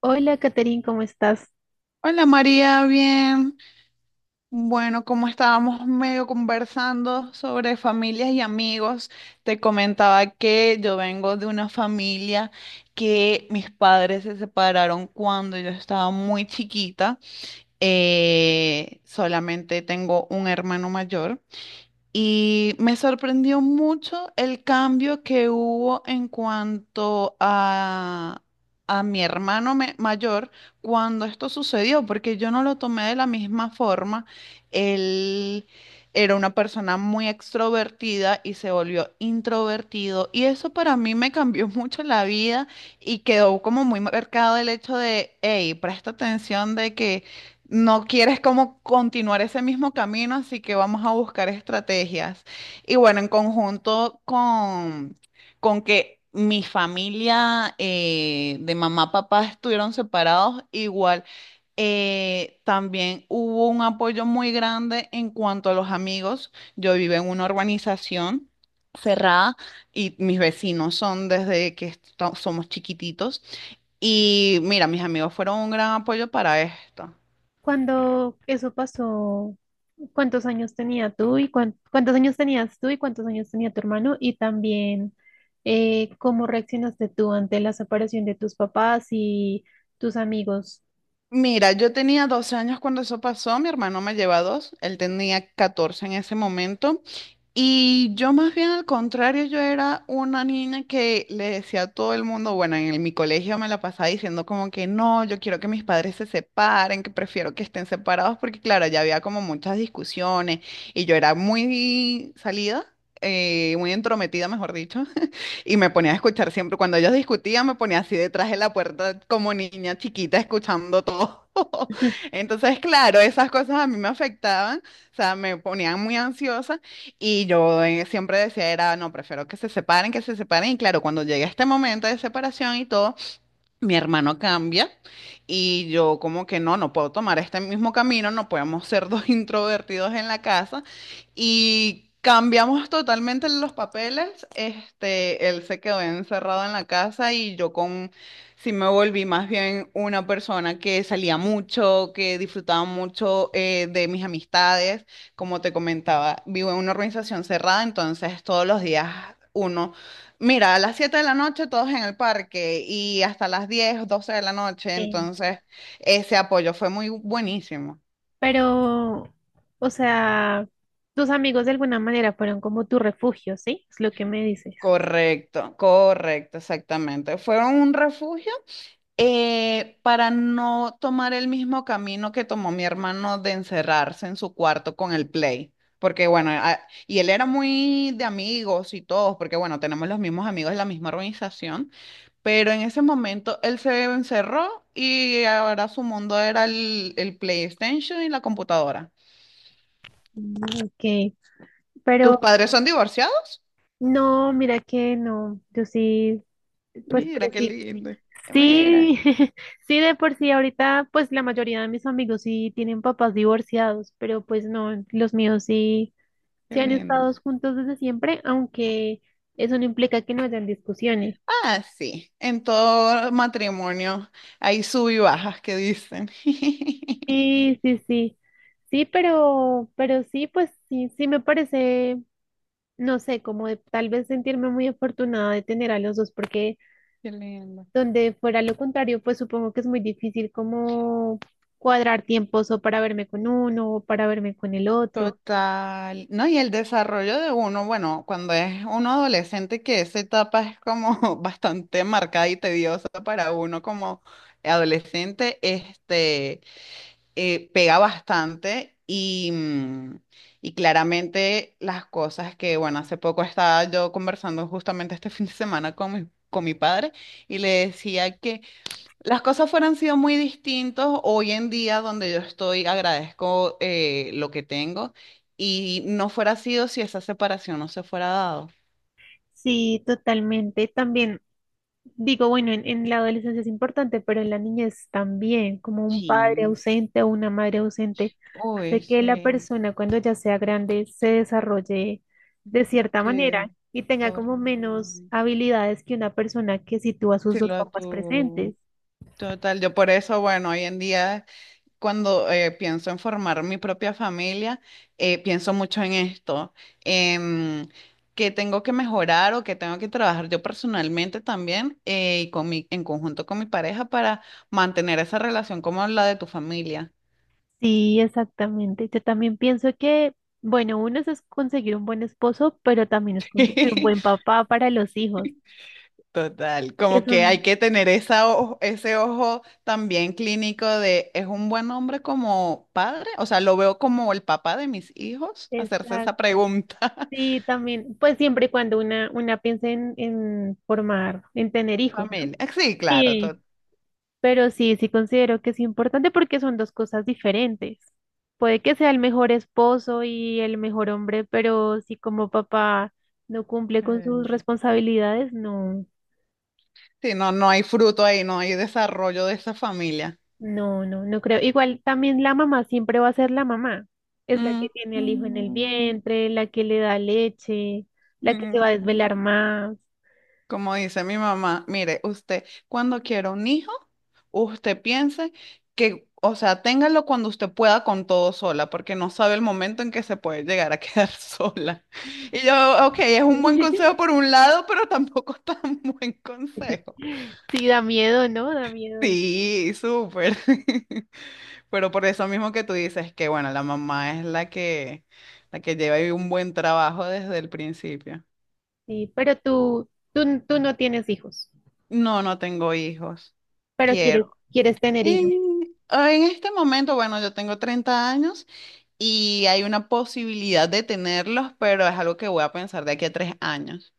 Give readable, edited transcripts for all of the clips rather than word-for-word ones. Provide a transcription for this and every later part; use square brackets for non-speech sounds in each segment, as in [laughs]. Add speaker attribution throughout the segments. Speaker 1: Hola, Caterín, ¿cómo estás?
Speaker 2: Hola María, bien. Bueno, como estábamos medio conversando sobre familias y amigos, te comentaba que yo vengo de una familia que mis padres se separaron cuando yo estaba muy chiquita. Solamente tengo un hermano mayor. Y me sorprendió mucho el cambio que hubo en cuanto a mi hermano mayor cuando esto sucedió, porque yo no lo tomé de la misma forma. Él era una persona muy extrovertida y se volvió introvertido. Y eso para mí me cambió [laughs] mucho la vida y quedó como muy marcado el hecho de, hey, presta atención de que no quieres como continuar ese mismo camino, así que vamos a buscar estrategias. Y bueno, con que mi familia de mamá, papá estuvieron separados, igual también hubo un apoyo muy grande en cuanto a los amigos. Yo vivo en una urbanización cerrada y mis vecinos son desde que somos chiquititos. Y mira, mis amigos fueron un gran apoyo para esto.
Speaker 1: Cuando eso pasó, ¿cuántos años tenía tú y cuántos años tenías tú y cuántos años tenía tu hermano? Y también, ¿cómo reaccionaste tú ante la separación de tus papás y tus amigos?
Speaker 2: Mira, yo tenía 12 años cuando eso pasó, mi hermano me lleva dos, él tenía 14 en ese momento. Y yo más bien al contrario, yo era una niña que le decía a todo el mundo, bueno, en mi colegio me la pasaba diciendo como que no, yo quiero que mis padres se separen, que prefiero que estén separados porque claro, ya había como muchas discusiones y yo era muy salida, muy entrometida, mejor dicho. Y me ponía a escuchar siempre, cuando ellos discutían, me ponía así detrás de la puerta como niña chiquita escuchando todo. [laughs]
Speaker 1: [laughs]
Speaker 2: Entonces, claro, esas cosas a mí me afectaban, o sea, me ponían muy ansiosa. Y yo siempre decía, era, no, prefiero que se separen, que se separen. Y claro, cuando llegué a este momento de separación y todo, mi hermano cambia y yo como que no, no puedo tomar este mismo camino, no podemos ser dos [laughs] introvertidos en la casa y cambiamos totalmente los papeles. Este, él se quedó encerrado en la casa y yo con sí me volví más bien una persona que salía mucho, que disfrutaba mucho de mis amistades. Como te comentaba, vivo en una organización cerrada, entonces todos los días uno. Mira, a las 7 de la noche todos en el parque y hasta las 10, 12 de la noche,
Speaker 1: Sí.
Speaker 2: entonces ese apoyo fue muy buenísimo.
Speaker 1: Pero, o sea, tus amigos de alguna manera fueron como tu refugio, ¿sí? Es lo que me dices.
Speaker 2: Correcto, correcto, exactamente. Fueron un refugio para no tomar el mismo camino que tomó mi hermano de encerrarse en su cuarto con el play. Porque bueno, y él era muy de amigos y todos, porque bueno, tenemos los mismos amigos de la misma organización. Pero en ese momento él se encerró y ahora su mundo era el PlayStation y la computadora.
Speaker 1: Mm, ok,
Speaker 2: ¿Tus
Speaker 1: pero
Speaker 2: padres son divorciados?
Speaker 1: no, mira que no, yo sí, pues
Speaker 2: Mira, qué
Speaker 1: crecí.
Speaker 2: lindo. Mira,
Speaker 1: Sí, [laughs] sí, de por sí ahorita pues la mayoría de mis amigos sí tienen papás divorciados, pero pues no, los míos sí,
Speaker 2: qué
Speaker 1: sí han
Speaker 2: lindo.
Speaker 1: estado juntos desde siempre, aunque eso no implica que no hayan discusiones.
Speaker 2: Ah, sí, en todo matrimonio hay sub y bajas que dicen. [laughs]
Speaker 1: Sí, sí, sí, sí, pero sí, pues sí, sí me parece, no sé, como de tal vez sentirme muy afortunada de tener a los dos, porque
Speaker 2: Qué lindo.
Speaker 1: donde fuera lo contrario, pues supongo que es muy difícil como cuadrar tiempos o para verme con uno o para verme con el otro.
Speaker 2: Total, ¿no? Y el desarrollo de uno, bueno, cuando es uno adolescente, que esa etapa es como [laughs] bastante marcada y tediosa para uno como adolescente, este, pega bastante y, y claramente las cosas que, bueno, hace poco estaba yo conversando justamente este [laughs] fin de semana con con mi padre y le decía las cosas fueran sido muy distintas hoy en día donde yo estoy, agradezco lo que tengo y no fuera sido si esa separación no se fuera dado.
Speaker 1: Sí, totalmente. También digo, bueno, en la adolescencia es importante, pero en la niñez también, como un padre
Speaker 2: Sí,
Speaker 1: ausente o una madre ausente,
Speaker 2: uy,
Speaker 1: hace que la
Speaker 2: sí,
Speaker 1: persona cuando ya sea grande se desarrolle de cierta
Speaker 2: sí,
Speaker 1: manera y tenga como
Speaker 2: correcto.
Speaker 1: menos habilidades que una persona que sitúa a sus
Speaker 2: Sí,
Speaker 1: dos papás presentes.
Speaker 2: total, yo por eso, bueno, hoy en día cuando pienso en formar mi propia familia, pienso mucho en esto, en qué tengo que mejorar o qué tengo que trabajar yo personalmente también y con en conjunto con mi pareja para mantener esa relación como la de tu familia.
Speaker 1: Sí, exactamente. Yo también pienso que, bueno, uno es conseguir un buen esposo, pero también es conseguir un
Speaker 2: [laughs]
Speaker 1: buen papá para los hijos,
Speaker 2: Total,
Speaker 1: que
Speaker 2: como que
Speaker 1: son...
Speaker 2: hay que tener ese ojo también clínico de, ¿es un buen hombre como padre? O sea, lo veo como el papá de mis hijos, hacerse esa
Speaker 1: Exacto.
Speaker 2: pregunta. [laughs]
Speaker 1: Sí, también, pues siempre y cuando una piense en, formar, en tener hijos, ¿no?
Speaker 2: Familia, sí, claro,
Speaker 1: Sí, pero sí, sí considero que es importante porque son dos cosas diferentes. Puede que sea el mejor esposo y el mejor hombre, pero si como papá no cumple con sus
Speaker 2: total.
Speaker 1: responsabilidades, no,
Speaker 2: Sí, no, no hay fruto ahí, no hay desarrollo de esa familia.
Speaker 1: no, no, no creo. Igual también la mamá siempre va a ser la mamá. Es la que
Speaker 2: Mm,
Speaker 1: tiene al hijo en el
Speaker 2: mm,
Speaker 1: vientre, la que le da leche, la que se
Speaker 2: mm.
Speaker 1: va a desvelar más.
Speaker 2: Como dice mi mamá, mire, usted cuando quiera un hijo, usted piense que, o sea, téngalo cuando usted pueda con todo sola, porque no sabe el momento en que se puede llegar a [laughs] quedar sola. Y yo, ok, es un buen
Speaker 1: [laughs]
Speaker 2: consejo por un lado, pero tampoco [laughs] tan buen consejo.
Speaker 1: Sí, da miedo, ¿no? Da miedo.
Speaker 2: Sí, súper. [laughs] Pero por eso mismo que tú dices que, bueno, la mamá es la que lleva ahí un buen trabajo desde el principio.
Speaker 1: Sí, pero tú no tienes hijos,
Speaker 2: No, no tengo hijos.
Speaker 1: pero quieres,
Speaker 2: Quiero.
Speaker 1: quieres tener hijos.
Speaker 2: En este momento, bueno, yo tengo 30 años y hay una posibilidad de tenerlos, pero es algo que voy a pensar de aquí a 3 años.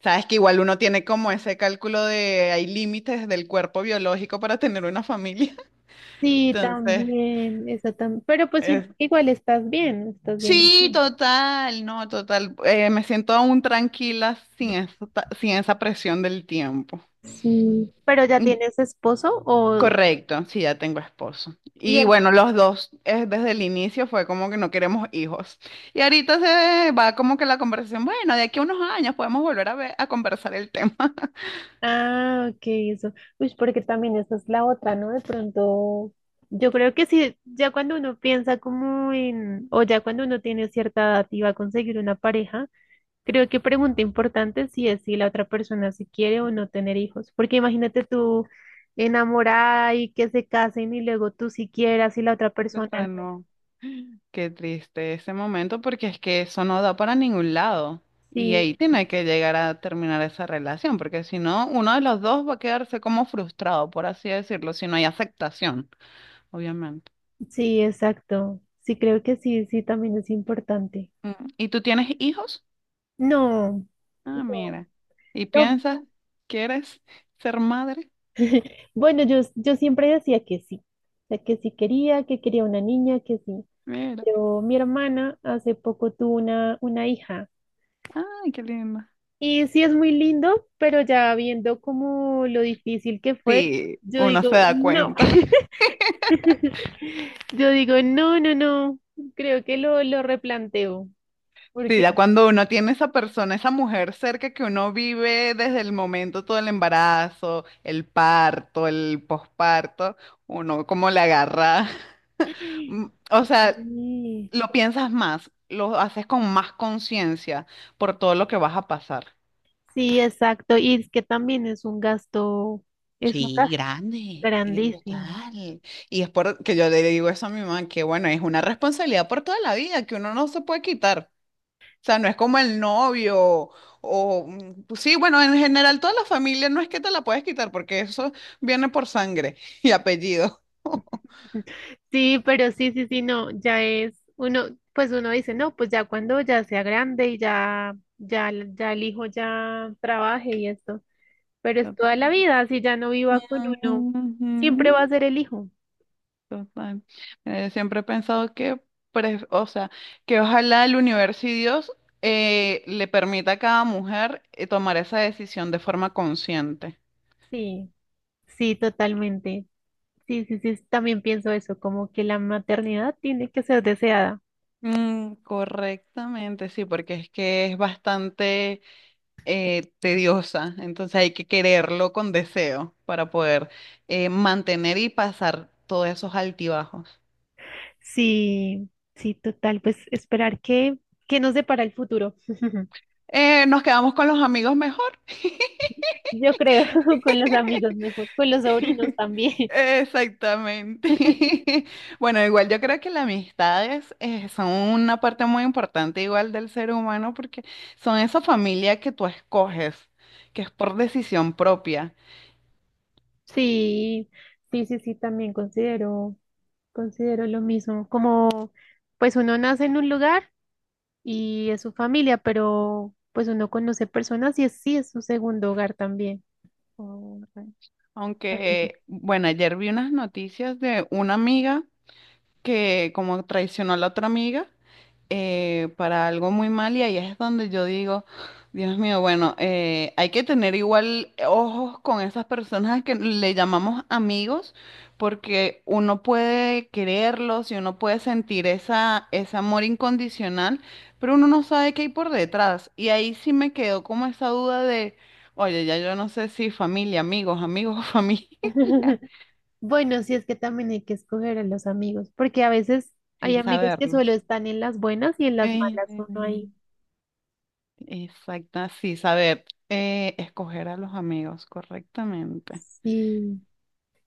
Speaker 2: Sabes que igual uno tiene como ese cálculo de hay límites del cuerpo biológico para tener una familia. [laughs]
Speaker 1: Sí,
Speaker 2: Entonces,
Speaker 1: también, eso también. Pero pues sí,
Speaker 2: es-
Speaker 1: igual estás bien, estás bien.
Speaker 2: sí, total, no, total. Me siento aún tranquila sin esa, sin esa presión del tiempo.
Speaker 1: Sí, pero ya
Speaker 2: Mm,
Speaker 1: tienes esposo o
Speaker 2: correcto, sí, ya tengo esposo.
Speaker 1: y
Speaker 2: Y
Speaker 1: él.
Speaker 2: bueno, los dos, desde el inicio fue como que no queremos hijos. Y ahorita se va como que la conversación, bueno, de aquí a unos años podemos volver a ver, a conversar el tema. [laughs]
Speaker 1: Ah, ok, eso. Uy, porque también esa es la otra, ¿no? De pronto, yo creo que sí, ya cuando uno piensa como en, o ya cuando uno tiene cierta edad y va a conseguir una pareja. Creo que pregunta importante sí es si la otra persona si quiere o no tener hijos, porque imagínate tú enamorada y que se casen y luego tú si quieras y la otra persona
Speaker 2: Pero
Speaker 1: no.
Speaker 2: no. Qué triste ese momento porque es que eso no da para ningún lado. Y
Speaker 1: Sí,
Speaker 2: ahí tiene que llegar a terminar esa relación, porque si no, uno de los dos va a quedarse como frustrado, por así decirlo, si no hay aceptación, obviamente.
Speaker 1: sí, exacto. Sí, creo que sí, sí, también es importante.
Speaker 2: Mm, ¿y tú tienes hijos?
Speaker 1: No,
Speaker 2: Ah,
Speaker 1: no,
Speaker 2: mira. ¿Y
Speaker 1: no.
Speaker 2: piensas, quieres ser madre?
Speaker 1: Bueno, yo siempre decía que sí, o sea, que sí quería, que quería una niña, que sí.
Speaker 2: Mira.
Speaker 1: Pero mi hermana hace poco tuvo una hija.
Speaker 2: Ay, qué lindo.
Speaker 1: Y sí es muy lindo, pero ya viendo como lo difícil que fue,
Speaker 2: Sí,
Speaker 1: yo
Speaker 2: uno se
Speaker 1: digo,
Speaker 2: da
Speaker 1: no,
Speaker 2: cuenta.
Speaker 1: [laughs] yo digo, no, no, no, creo que lo replanteo,
Speaker 2: Sí,
Speaker 1: porque
Speaker 2: ya cuando uno tiene esa persona, esa mujer cerca que uno vive desde el momento todo el embarazo, el parto, el posparto, uno como le agarra, [laughs]
Speaker 1: ay,
Speaker 2: mm, o sea,
Speaker 1: sí,
Speaker 2: lo piensas más, lo haces con más conciencia por todo lo que vas a pasar.
Speaker 1: sí, exacto, y es que también es un
Speaker 2: Sí,
Speaker 1: gasto
Speaker 2: grande,
Speaker 1: grandísimo.
Speaker 2: total. Y es por que yo le digo eso a mi mamá, que bueno, es una responsabilidad por toda la vida que uno no se puede quitar. Sea, no es como el novio o mm, pues sí, bueno, en general toda la familia no es que te la puedes quitar porque eso viene por sangre [laughs] y apellido.
Speaker 1: [laughs] Sí, pero sí, sí, sí, no, ya es uno, pues uno dice, no, pues ya cuando ya sea grande y ya, ya, ya el hijo ya trabaje y esto. Pero es
Speaker 2: Tot-
Speaker 1: toda la vida, si ya no viva con uno, siempre
Speaker 2: Ujú,
Speaker 1: va a ser el hijo.
Speaker 2: total. Siempre he pensado que, o sea, que ojalá el universo y Dios le permita a cada mujer tomar esa decisión de forma consciente.
Speaker 1: Sí, sí, totalmente. Sí, sí, sí, también pienso eso, como que la maternidad tiene que ser deseada.
Speaker 2: Mm, correctamente, sí, porque es que es bastante tediosa, entonces hay que quererlo con deseo para poder mantener y pasar todos esos altibajos.
Speaker 1: Sí, sí, total, pues esperar que nos depara el futuro. [laughs]
Speaker 2: Nos quedamos con los amigos mejor. [laughs]
Speaker 1: Yo creo, [laughs] con los amigos mejor, con los sobrinos
Speaker 2: [laughs]
Speaker 1: también. [laughs]
Speaker 2: Exactamente. [laughs] Bueno, igual yo creo que las amistades son una parte muy importante igual del ser humano porque son esa familia que tú escoges, que es por decisión propia.
Speaker 1: Sí, sí, sí, sí, también considero, considero lo mismo, como pues uno nace en un lugar y es su familia, pero pues uno conoce personas y es, sí es su segundo hogar también.
Speaker 2: Correcto. Aunque,
Speaker 1: Amigo.
Speaker 2: bueno, ayer vi unas noticias de una amiga que como traicionó a la otra amiga para algo muy mal y ahí es donde yo digo, Dios mío, bueno, hay que tener igual ojos con esas personas que le llamamos amigos, porque uno puede quererlos y uno puede sentir esa, ese amor incondicional, pero uno no sabe qué hay por detrás. Y ahí sí me quedó como esa duda de, oye, ya yo no sé si familia, amigos, amigos, [laughs] familia,
Speaker 1: [laughs] Bueno, sí es que también hay que escoger a los amigos, porque a veces hay
Speaker 2: sí
Speaker 1: amigos que solo
Speaker 2: saberlos.
Speaker 1: están en las buenas y en las
Speaker 2: Eh,
Speaker 1: malas uno ahí.
Speaker 2: Exacto, sí, saber escoger a los amigos correctamente.
Speaker 1: Sí,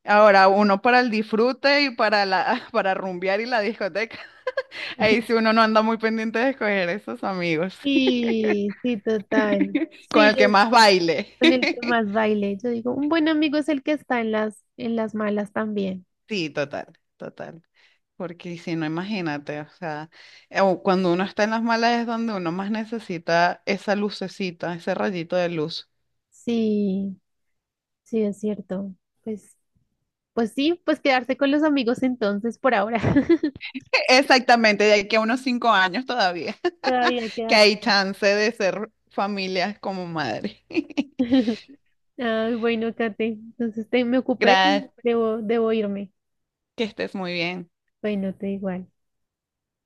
Speaker 2: Ahora, uno para el disfrute y para la, [laughs] para rumbear y la discoteca. [laughs] Ahí sí uno no anda muy pendiente de escoger esos amigos, [laughs]
Speaker 1: sí, sí, total.
Speaker 2: con
Speaker 1: Sí,
Speaker 2: el que
Speaker 1: yo
Speaker 2: más baile.
Speaker 1: con el que
Speaker 2: [laughs]
Speaker 1: más baile, yo digo, un buen amigo es el que está en en las malas también.
Speaker 2: Sí, total, total. Porque si no, imagínate, o sea, o cuando uno está en las malas es donde uno más necesita esa lucecita, ese rayito de luz.
Speaker 1: Sí, sí, es cierto. Pues, pues sí, pues quedarse con los amigos entonces por ahora. [laughs]
Speaker 2: [laughs] Exactamente, de aquí a unos 5 años todavía.
Speaker 1: Todavía
Speaker 2: Que
Speaker 1: queda
Speaker 2: hay
Speaker 1: tiempo.
Speaker 2: chance de ser familias como madre. [laughs]
Speaker 1: [laughs] Ay, bueno, Kate, entonces me ocupé,
Speaker 2: Gracias,
Speaker 1: debo, debo irme.
Speaker 2: que estés muy bien.
Speaker 1: Bueno, te igual.